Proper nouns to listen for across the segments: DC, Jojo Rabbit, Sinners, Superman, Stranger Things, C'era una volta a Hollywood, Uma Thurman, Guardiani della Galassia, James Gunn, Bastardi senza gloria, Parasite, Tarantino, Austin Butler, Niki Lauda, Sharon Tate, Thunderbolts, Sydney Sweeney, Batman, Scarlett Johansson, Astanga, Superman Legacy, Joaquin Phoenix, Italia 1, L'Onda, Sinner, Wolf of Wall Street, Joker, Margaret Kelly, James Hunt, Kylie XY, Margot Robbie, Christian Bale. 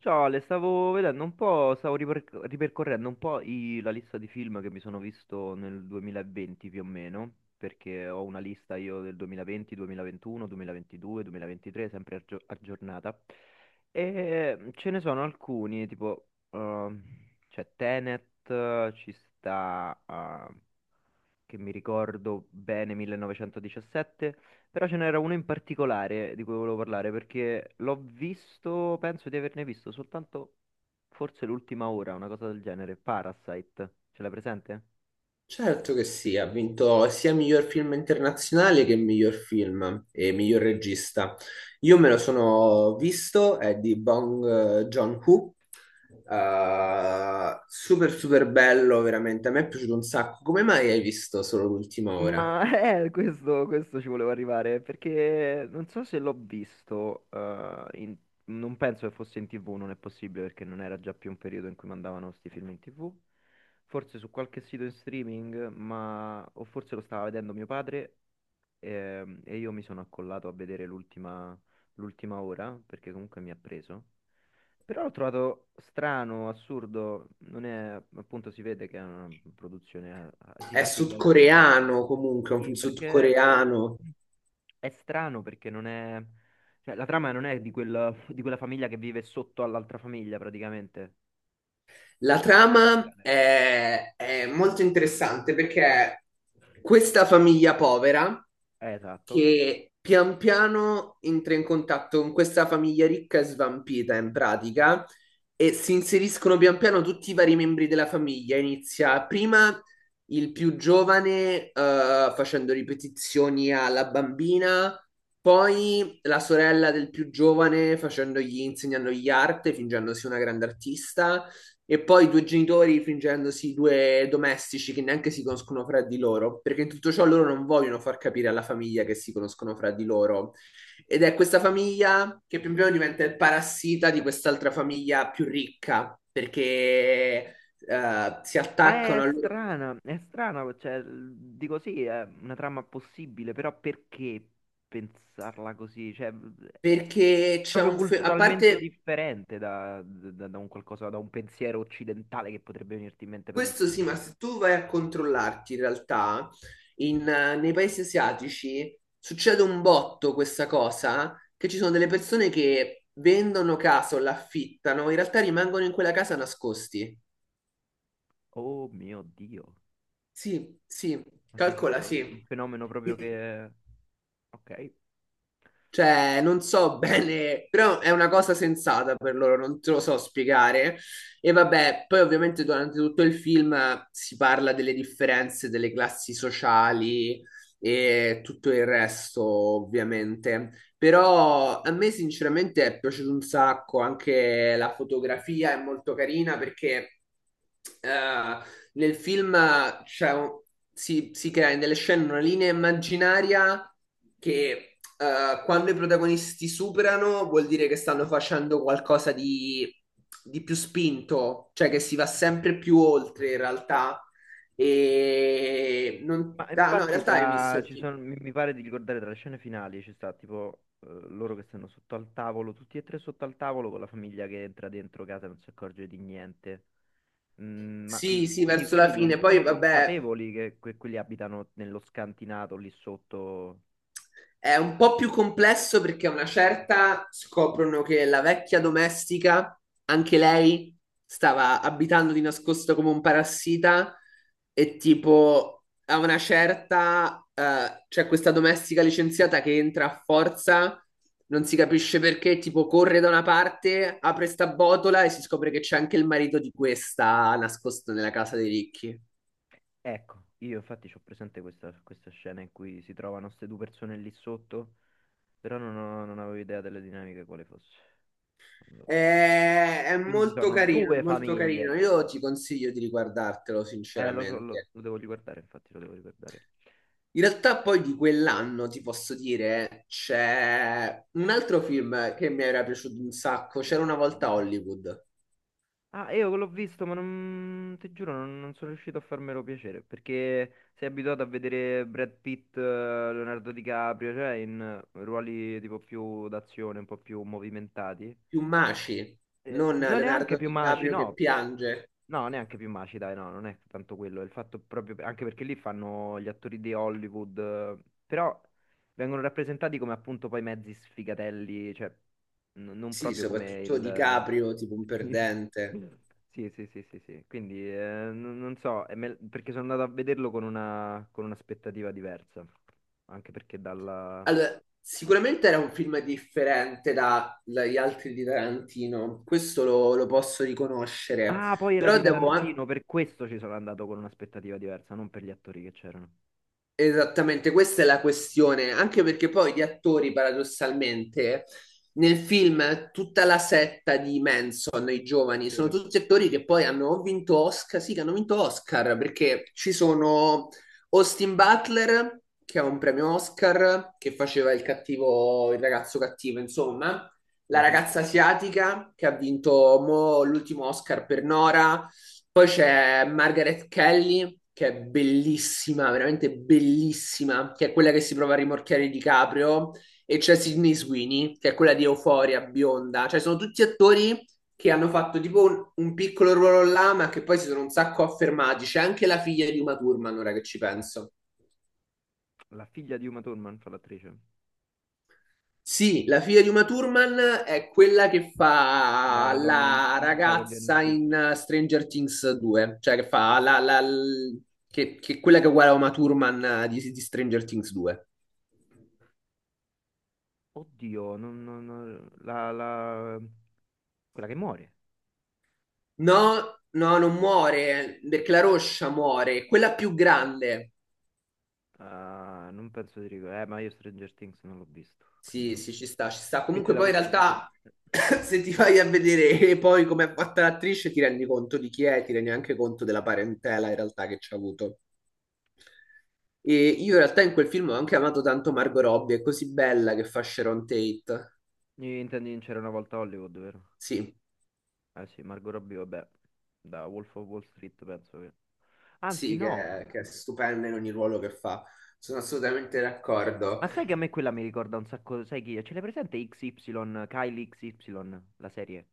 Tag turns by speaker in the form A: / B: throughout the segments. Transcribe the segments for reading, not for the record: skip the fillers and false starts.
A: Ciao Ale, stavo vedendo un po', stavo ripercorrendo un po' la lista di film che mi sono visto nel 2020 più o meno, perché ho una lista io del 2020, 2021, 2022, 2023, sempre aggiornata. E ce ne sono alcuni, tipo, c'è Tenet, ci sta, che mi ricordo bene 1917, però ce n'era uno in particolare di cui volevo parlare perché l'ho visto, penso di averne visto soltanto forse l'ultima ora, una cosa del genere, Parasite, ce l'hai presente?
B: Certo che sì, ha vinto sia miglior film internazionale che miglior film e miglior regista. Io me lo sono visto, è di Bong Joon-ho, super super bello, veramente, a me è piaciuto un sacco. Come mai hai visto solo l'ultima ora?
A: Ma questo ci volevo arrivare perché non so se l'ho visto, non penso che fosse in TV, non è possibile perché non era già più un periodo in cui mandavano questi film in TV, forse su qualche sito in streaming, ma o forse lo stava vedendo mio padre, e io mi sono accollato a vedere l'ultima ora perché comunque mi ha preso. Però l'ho trovato strano, assurdo, non è, appunto si vede che è una produzione
B: È
A: asiatica in qualche modo.
B: sudcoreano comunque, è un film
A: Sì, perché
B: sudcoreano.
A: è strano perché non è, cioè, la trama non è di quella famiglia che vive sotto all'altra famiglia praticamente.
B: La
A: Il
B: trama
A: genere.
B: è molto interessante perché questa famiglia povera
A: Esatto.
B: che pian piano entra in contatto con questa famiglia ricca e svampita in pratica e si inseriscono pian piano tutti i vari membri della famiglia. Inizia prima il più giovane facendo ripetizioni alla bambina, poi la sorella del più giovane facendogli, insegnandogli arte, fingendosi una grande artista. E poi i due genitori fingendosi due domestici che neanche si conoscono fra di loro, perché in tutto ciò loro non vogliono far capire alla famiglia che si conoscono fra di loro. Ed è questa famiglia che pian piano diventa il parassita di quest'altra famiglia più ricca, perché si
A: Ma
B: attaccano a loro.
A: è strana, cioè, dico sì, è una trama possibile, però perché pensarla così? Cioè, è
B: Perché c'è
A: proprio
B: un a
A: culturalmente
B: parte.
A: differente da un qualcosa, da un pensiero occidentale che potrebbe venirti in mente per un
B: Questo sì,
A: film.
B: ma se tu vai a controllarti in realtà, nei paesi asiatici succede un botto questa cosa, che ci sono delle persone che vendono casa o l'affittano, in realtà rimangono in quella casa nascosti.
A: Oh mio Dio,
B: Sì, sì,
A: ma sei
B: calcola,
A: sicuro? Un
B: sì.
A: fenomeno proprio che. Ok.
B: Cioè, non so bene, però è una cosa sensata per loro, non te lo so spiegare. E vabbè, poi ovviamente durante tutto il film si parla delle differenze delle classi sociali e tutto il resto, ovviamente. Però a me sinceramente è piaciuto un sacco, anche la fotografia è molto carina perché eh, nel film, cioè, si crea in delle scene una linea immaginaria che quando i protagonisti superano vuol dire che stanno facendo qualcosa di più spinto, cioè che si va sempre più oltre in realtà. E non...
A: Ma
B: ah, no, in
A: infatti
B: realtà hai visto
A: tra,
B: il
A: ci
B: film.
A: sono, mi pare di ricordare tra le scene finali ci sta tipo, loro che stanno sotto al tavolo, tutti e tre sotto al tavolo con la famiglia che entra dentro casa e non si accorge di niente. Mm, ma,
B: Sì, sì,
A: quindi
B: verso la
A: quelli non
B: fine. Poi,
A: sono
B: vabbè,
A: consapevoli che quelli abitano nello scantinato lì sotto.
B: è un po' più complesso perché a una certa scoprono che la vecchia domestica, anche lei, stava abitando di nascosto come un parassita e tipo a una certa c'è questa domestica licenziata che entra a forza, non si capisce perché, tipo corre da una parte, apre sta botola e si scopre che c'è anche il marito di questa nascosto nella casa dei ricchi.
A: Ecco, io infatti ho presente questa scena in cui si trovano queste due persone lì sotto, però non, non avevo idea delle dinamiche quale fosse. Non lo vedo.
B: È
A: Quindi ci
B: molto
A: sono
B: carino, è
A: due
B: molto carino.
A: famiglie.
B: Io ti consiglio di riguardartelo,
A: Lo so, lo,
B: sinceramente.
A: lo devo riguardare, infatti, lo devo riguardare.
B: In realtà poi di quell'anno ti posso dire c'è un altro film che mi era piaciuto un sacco.
A: Mm,
B: C'era una volta a
A: quale?
B: Hollywood.
A: Ah, io l'ho visto, ma non, ti giuro, non sono riuscito a farmelo piacere, perché sei abituato a vedere Brad Pitt, Leonardo DiCaprio, cioè in ruoli tipo più d'azione, un po' più movimentati.
B: Maci, non
A: Non neanche
B: Leonardo
A: più maci,
B: DiCaprio che
A: no.
B: piange.
A: No, neanche più maci, dai, no, non è tanto quello, è il fatto proprio, anche perché lì fanno gli attori di Hollywood, però vengono rappresentati come appunto poi mezzi sfigatelli, cioè non
B: Sì,
A: proprio come
B: soprattutto
A: il.
B: DiCaprio, tipo un perdente.
A: Sì, sì, sì, sì, sì, quindi non so, perché sono andato a vederlo con un'aspettativa diversa, anche perché dalla.
B: Allora, sicuramente era un film differente da- dagli altri di Tarantino, questo lo posso riconoscere,
A: Ah, poi era
B: però
A: di
B: devo.
A: Tarantino, per questo ci sono andato con un'aspettativa diversa, non per gli attori che c'erano.
B: Esattamente, questa è la questione, anche perché poi gli attori, paradossalmente, nel film tutta la setta di Manson, i giovani, sono
A: Sì.
B: tutti attori che poi hanno o vinto Oscar, sì, che hanno vinto Oscar, perché ci sono Austin Butler, che ha un premio Oscar, che faceva il cattivo, il ragazzo cattivo, insomma, la
A: Mhm.
B: ragazza asiatica, che ha vinto mo l'ultimo Oscar per Nora, poi c'è Margaret Kelly che è bellissima, veramente bellissima, che è quella che si prova a rimorchiare di Caprio e c'è Sydney Sweeney, che è quella di Euphoria, bionda, cioè sono tutti attori che hanno fatto tipo un piccolo ruolo là, ma che poi si sono un sacco affermati. C'è anche la figlia di Uma Thurman, ora che ci penso.
A: La figlia di Uma Thurman fa l'attrice.
B: Sì, la figlia di Uma Thurman è quella che fa
A: La donna
B: la
A: incinta che viene
B: ragazza
A: uccisa.
B: in Stranger Things 2, cioè che fa che è quella che è uguale a Uma Thurman di Stranger Things 2.
A: Oddio, non, quella che muore.
B: No, no, non muore, perché la roscia muore, quella più grande.
A: Ah, non penso di ricordare. Ma io Stranger Things non l'ho visto, quindi
B: Sì,
A: non-
B: sì, ci sta, ci sta.
A: Quindi
B: Comunque
A: da
B: poi in
A: questo punto di
B: realtà
A: vista.
B: se ti vai a vedere poi come è fatta l'attrice ti rendi conto di chi è, ti rendi anche conto della parentela in realtà che ci ha avuto. E io in realtà in quel film ho anche amato tanto Margot Robbie, è così bella che fa Sharon Tate.
A: Intendi in C'era una volta a Hollywood, vero?
B: Sì,
A: Eh sì, Margot Robbie, vabbè, da Wolf of Wall Street penso che. Anzi
B: sì,
A: no,
B: che è stupenda in ogni ruolo che fa. Sono assolutamente d'accordo.
A: ma sai che a me quella mi ricorda un sacco, sai chi è? Ce l'hai presente XY, Kylie XY, la serie?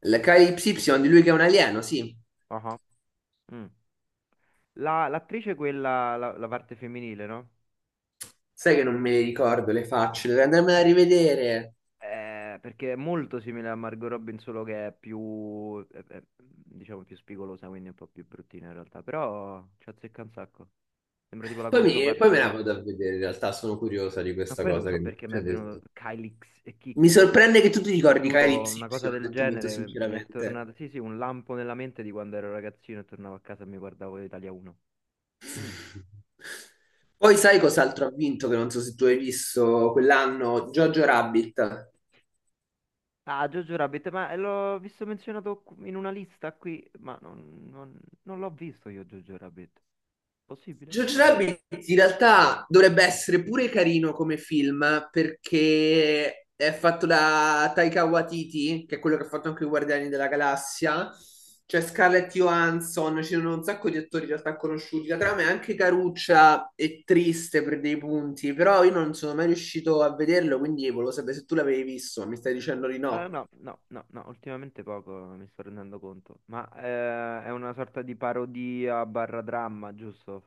B: La KY di lui che è un alieno, sì.
A: Ah, ah. Mm. L'attrice quella, la parte femminile, no?
B: Sai che non me le ricordo le facce, dovrei andarmela a rivedere.
A: Perché è molto simile a Margot Robin, solo che è più, diciamo, più spigolosa, quindi un po' più bruttina in realtà. Però ci azzecca un sacco. Sembra tipo la
B: Poi, poi me la vado
A: controparte.
B: a vedere, in realtà sono curiosa di
A: Ma
B: questa
A: poi non
B: cosa
A: so
B: che mi hai
A: perché mi è
B: appena detto.
A: venuto Kylix e
B: Mi
A: Kixi.
B: sorprende che tu ti
A: Ti
B: ricordi
A: giuro,
B: Calypso
A: una
B: Y,
A: cosa
B: ho
A: del
B: detto molto
A: genere mi è
B: sinceramente.
A: tornata. Sì, sì, un lampo nella mente di quando ero ragazzino e tornavo a casa e mi guardavo Italia 1. Mm.
B: Poi sai cos'altro ha vinto, che non so se tu hai visto quell'anno, Jojo Rabbit.
A: Ah, Jojo Rabbit, ma l'ho visto menzionato in una lista qui, ma non l'ho visto io Jojo Rabbit. Possibile?
B: Jojo Rabbit in realtà dovrebbe essere pure carino come film perché è fatto da Taika Waititi, che è quello che ha fatto anche i Guardiani della Galassia. C'è Scarlett Johansson, ci sono un sacco di attori in realtà conosciuti. La trama è anche caruccia e triste per dei punti, però io non sono mai riuscito a vederlo, quindi volevo sapere se tu l'avevi visto, ma mi stai dicendo di
A: Ah,
B: no.
A: no, no, no, no, ultimamente poco, mi sto rendendo conto. Ma è una sorta di parodia barra dramma, giusto?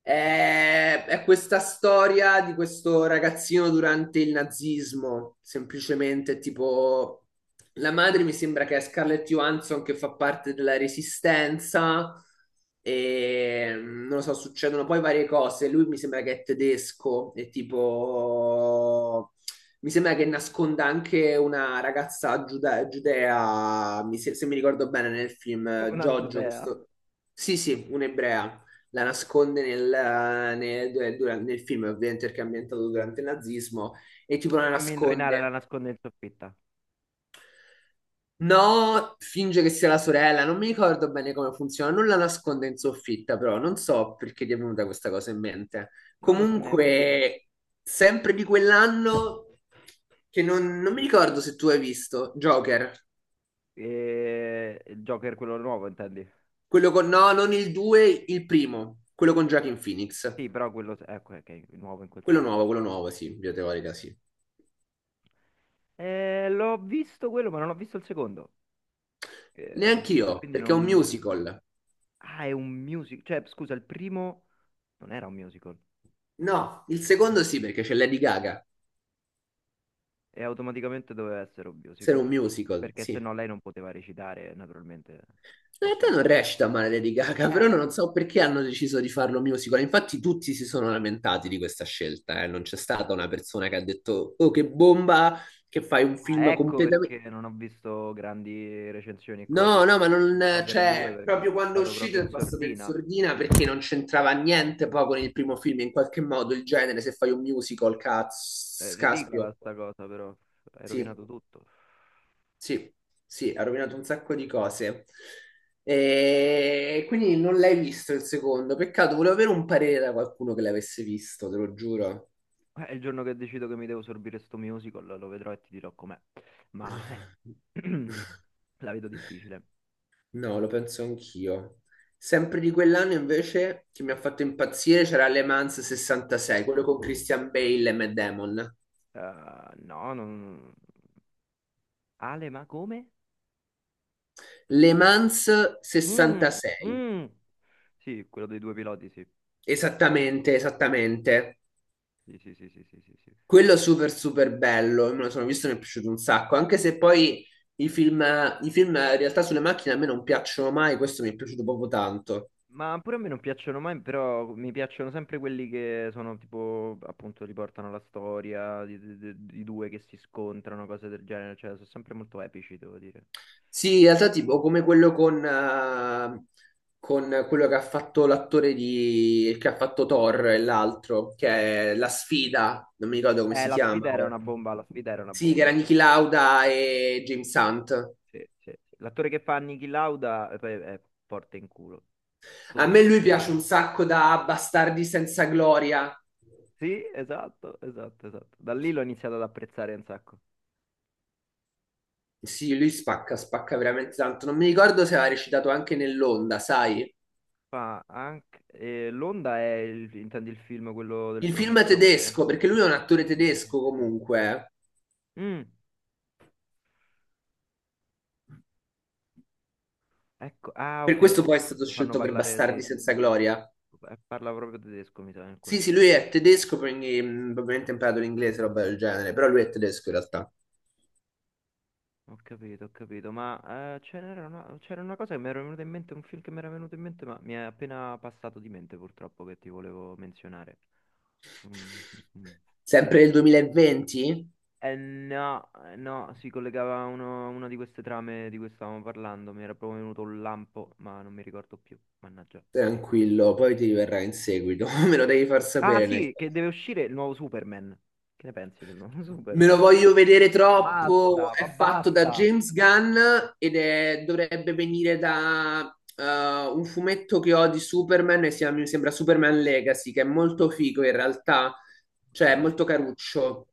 B: È questa storia di questo ragazzino durante il nazismo, semplicemente tipo la madre mi sembra che è Scarlett Johansson che fa parte della Resistenza e non lo so, succedono poi varie cose. Lui mi sembra che è tedesco e tipo mi sembra che nasconda anche una ragazza giudea, mi se, se mi ricordo bene nel film,
A: Una
B: Giorgio,
A: giudea?
B: questo... Sì, sì, un'ebrea la nasconde nel film, ovviamente perché è ambientato durante il nazismo, e tipo la
A: Fammi indovinare, la
B: nasconde.
A: nasconde in soffitta.
B: No, finge che sia la sorella, non mi ricordo bene come funziona, non la nasconde in soffitta, però non so perché ti è venuta questa cosa in mente.
A: Non lo so neanche io.
B: Comunque, sempre di quell'anno, che non mi ricordo se tu hai visto, Joker,
A: Il Joker quello nuovo, intendi?
B: quello con, no, non il 2, il primo, quello con Joaquin Phoenix,
A: Sì, però quello. Ecco, ok, nuovo in quel senso.
B: quello nuovo, sì, in via teorica, sì.
A: L'ho visto quello, ma non ho visto il secondo. Eh,
B: Neanche io,
A: quindi
B: perché è un
A: non.
B: musical.
A: Ah, è un musical. Cioè, scusa, il primo non era un musical.
B: No, il secondo sì, perché c'è Lady Gaga.
A: E automaticamente doveva essere un
B: Se era
A: musical.
B: un musical,
A: Perché se
B: sì.
A: no lei non poteva recitare, naturalmente.
B: In
A: Può
B: realtà
A: solo
B: non
A: cantare.
B: recita male Lady Gaga,
A: Eh,
B: però non so perché hanno deciso di farlo musical. Infatti tutti si sono lamentati di questa scelta, eh. Non c'è stata una persona che ha detto, oh, che bomba, che fai un
A: ah,
B: film
A: ecco perché
B: completamente...
A: non ho visto grandi recensioni e cose,
B: No, no, ma
A: scene
B: non...
A: di Joker 2,
B: Cioè,
A: perché
B: proprio
A: è
B: quando è
A: stato
B: uscito
A: proprio in
B: è passato in
A: sordina.
B: sordina perché non c'entrava niente poi con il primo film. In qualche modo il genere, se fai un musical, cazzo,
A: È ridicola
B: caspio.
A: sta cosa, però. Hai
B: Sì.
A: rovinato tutto.
B: Sì, sì, ha rovinato un sacco di cose. E quindi non l'hai visto il secondo. Peccato, volevo avere un parere da qualcuno che l'avesse visto, te lo giuro.
A: Il giorno che decido che mi devo sorbire sto musical, lo vedrò e ti dirò com'è. Ma. La vedo difficile.
B: No, lo penso anch'io. Sempre di quell'anno invece che mi ha fatto impazzire c'era Le Mans 66, quello con Christian Bale e Matt Damon.
A: No, non. Ale, ma come?
B: Le Mans
A: Mm,
B: 66,
A: mm. Sì, quello dei due piloti, sì.
B: esattamente, esattamente.
A: Sì, sì, sì, sì, sì, sì, sì.
B: Quello super super bello, me lo sono visto e mi è piaciuto un sacco, anche se poi i film, i film in realtà sulle macchine a me non piacciono mai, questo mi è piaciuto proprio tanto.
A: Ma pure a me non piacciono mai, però mi piacciono sempre quelli che sono tipo, appunto, riportano la storia di due che si scontrano, cose del genere, cioè sono sempre molto epici, devo dire.
B: Sì, in realtà tipo come quello con quello che ha fatto l'attore di, che ha fatto Thor e l'altro, che è La Sfida, non mi ricordo come si
A: La
B: chiama
A: sfida era
B: ora.
A: una bomba, la sfida era una
B: Sì, che era
A: bomba.
B: Niki Lauda e James Hunt.
A: Sì, sì, sì. L'attore che fa Niki Lauda, poi è forte in culo.
B: A me
A: Oddio.
B: lui piace un sacco da Bastardi senza gloria.
A: Sì, esatto, esatto, esatto. Da lì l'ho iniziato ad apprezzare un sacco.
B: Sì, lui spacca, spacca veramente tanto. Non mi ricordo se aveva recitato anche nell'Onda, sai?
A: Fa anche, L'Onda è, intendi il film, quello del
B: Il film è
A: professore?
B: tedesco, perché lui è un attore
A: Sì, sì, sì, sì,
B: tedesco
A: sì, sì.
B: comunque.
A: Mm, ecco, ah,
B: Per
A: ok.
B: questo poi è stato
A: Lo fanno
B: scelto per
A: parlare, sì,
B: Bastardi
A: sì,
B: senza
A: sì, sì.
B: gloria.
A: Parla proprio tedesco, mi sa, in alcune
B: Sì, sì,
A: scene.
B: lui è tedesco, quindi probabilmente ha imparato l'inglese, roba del genere, però lui è tedesco in realtà.
A: Ho capito, ma ce n'era una, c'era una cosa che mi era venuta in mente, un film che mi era venuto in mente, ma mi è appena passato di mente purtroppo che ti volevo menzionare. Mm, mm, mm.
B: Sempre nel 2020?
A: No, no, si collegava a una di queste trame di cui stavamo parlando, mi era proprio venuto un lampo, ma non mi ricordo più, mannaggia.
B: Tranquillo, poi ti verrà in seguito, me lo devi far
A: Ah
B: sapere nel
A: sì,
B: caso.
A: che deve uscire il nuovo Superman. Che ne pensi del nuovo Superman?
B: Me lo voglio vedere troppo.
A: Basta,
B: È
A: ma
B: fatto da
A: basta.
B: James Gunn ed dovrebbe venire da un fumetto che ho di Superman e si mi sembra Superman Legacy, che è molto figo in realtà, cioè è
A: Ok.
B: molto caruccio.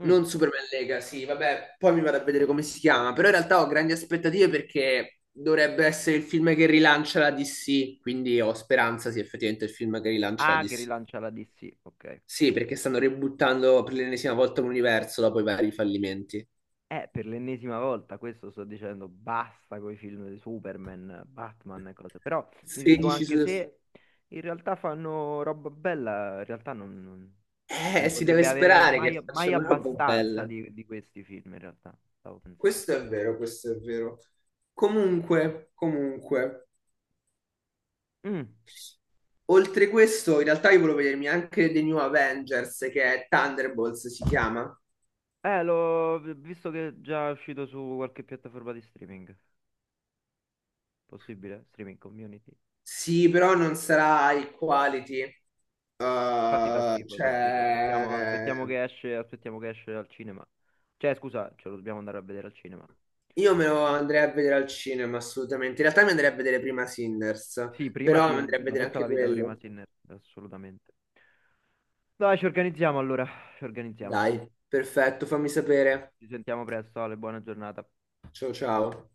A: Mm.
B: Non Superman Legacy, vabbè, poi mi vado a vedere come si chiama, però in realtà ho grandi aspettative perché dovrebbe essere il film che rilancia la DC, quindi ho speranza sia effettivamente il film che rilancia la
A: Ah, che
B: DC.
A: rilancia la DC, ok.
B: Sì,
A: Ok.
B: perché stanno ributtando per l'ennesima volta l'universo dopo i vari fallimenti.
A: Per l'ennesima volta, questo sto dicendo, basta con i film di Superman, Batman e cose. Però mi dico
B: 16 su...
A: anche se in realtà fanno roba bella, in realtà non, se ne
B: Si deve
A: potrebbe avere
B: sperare
A: mai,
B: che
A: mai
B: facciano una roba
A: abbastanza
B: bella.
A: di questi film, in realtà, stavo pensando.
B: Questo è vero, questo è vero. Comunque, comunque,
A: Mm.
B: oltre questo, in realtà io volevo vedermi anche The New Avengers, che è Thunderbolts, si chiama.
A: L'ho visto che è già uscito su qualche piattaforma di streaming. Possibile? Streaming community?
B: Sì, però non sarà high quality.
A: Infatti fa schifo, fa schifo. Aspettiamo,
B: Cioè,
A: aspettiamo che esce al cinema. Cioè, scusa, ce lo dobbiamo andare a vedere al cinema.
B: io me lo andrei a vedere al cinema, assolutamente. In realtà mi andrei a vedere prima Sinners,
A: Sì, prima
B: però mi
A: Sinner,
B: andrei a
A: ma
B: vedere
A: tutta la
B: anche
A: vita prima
B: quello.
A: Sinner, assolutamente. Dai, ci organizziamo allora, ci organizziamo.
B: Dai, perfetto, fammi sapere.
A: Ci sentiamo presto, Ale, buona giornata.
B: Ciao ciao.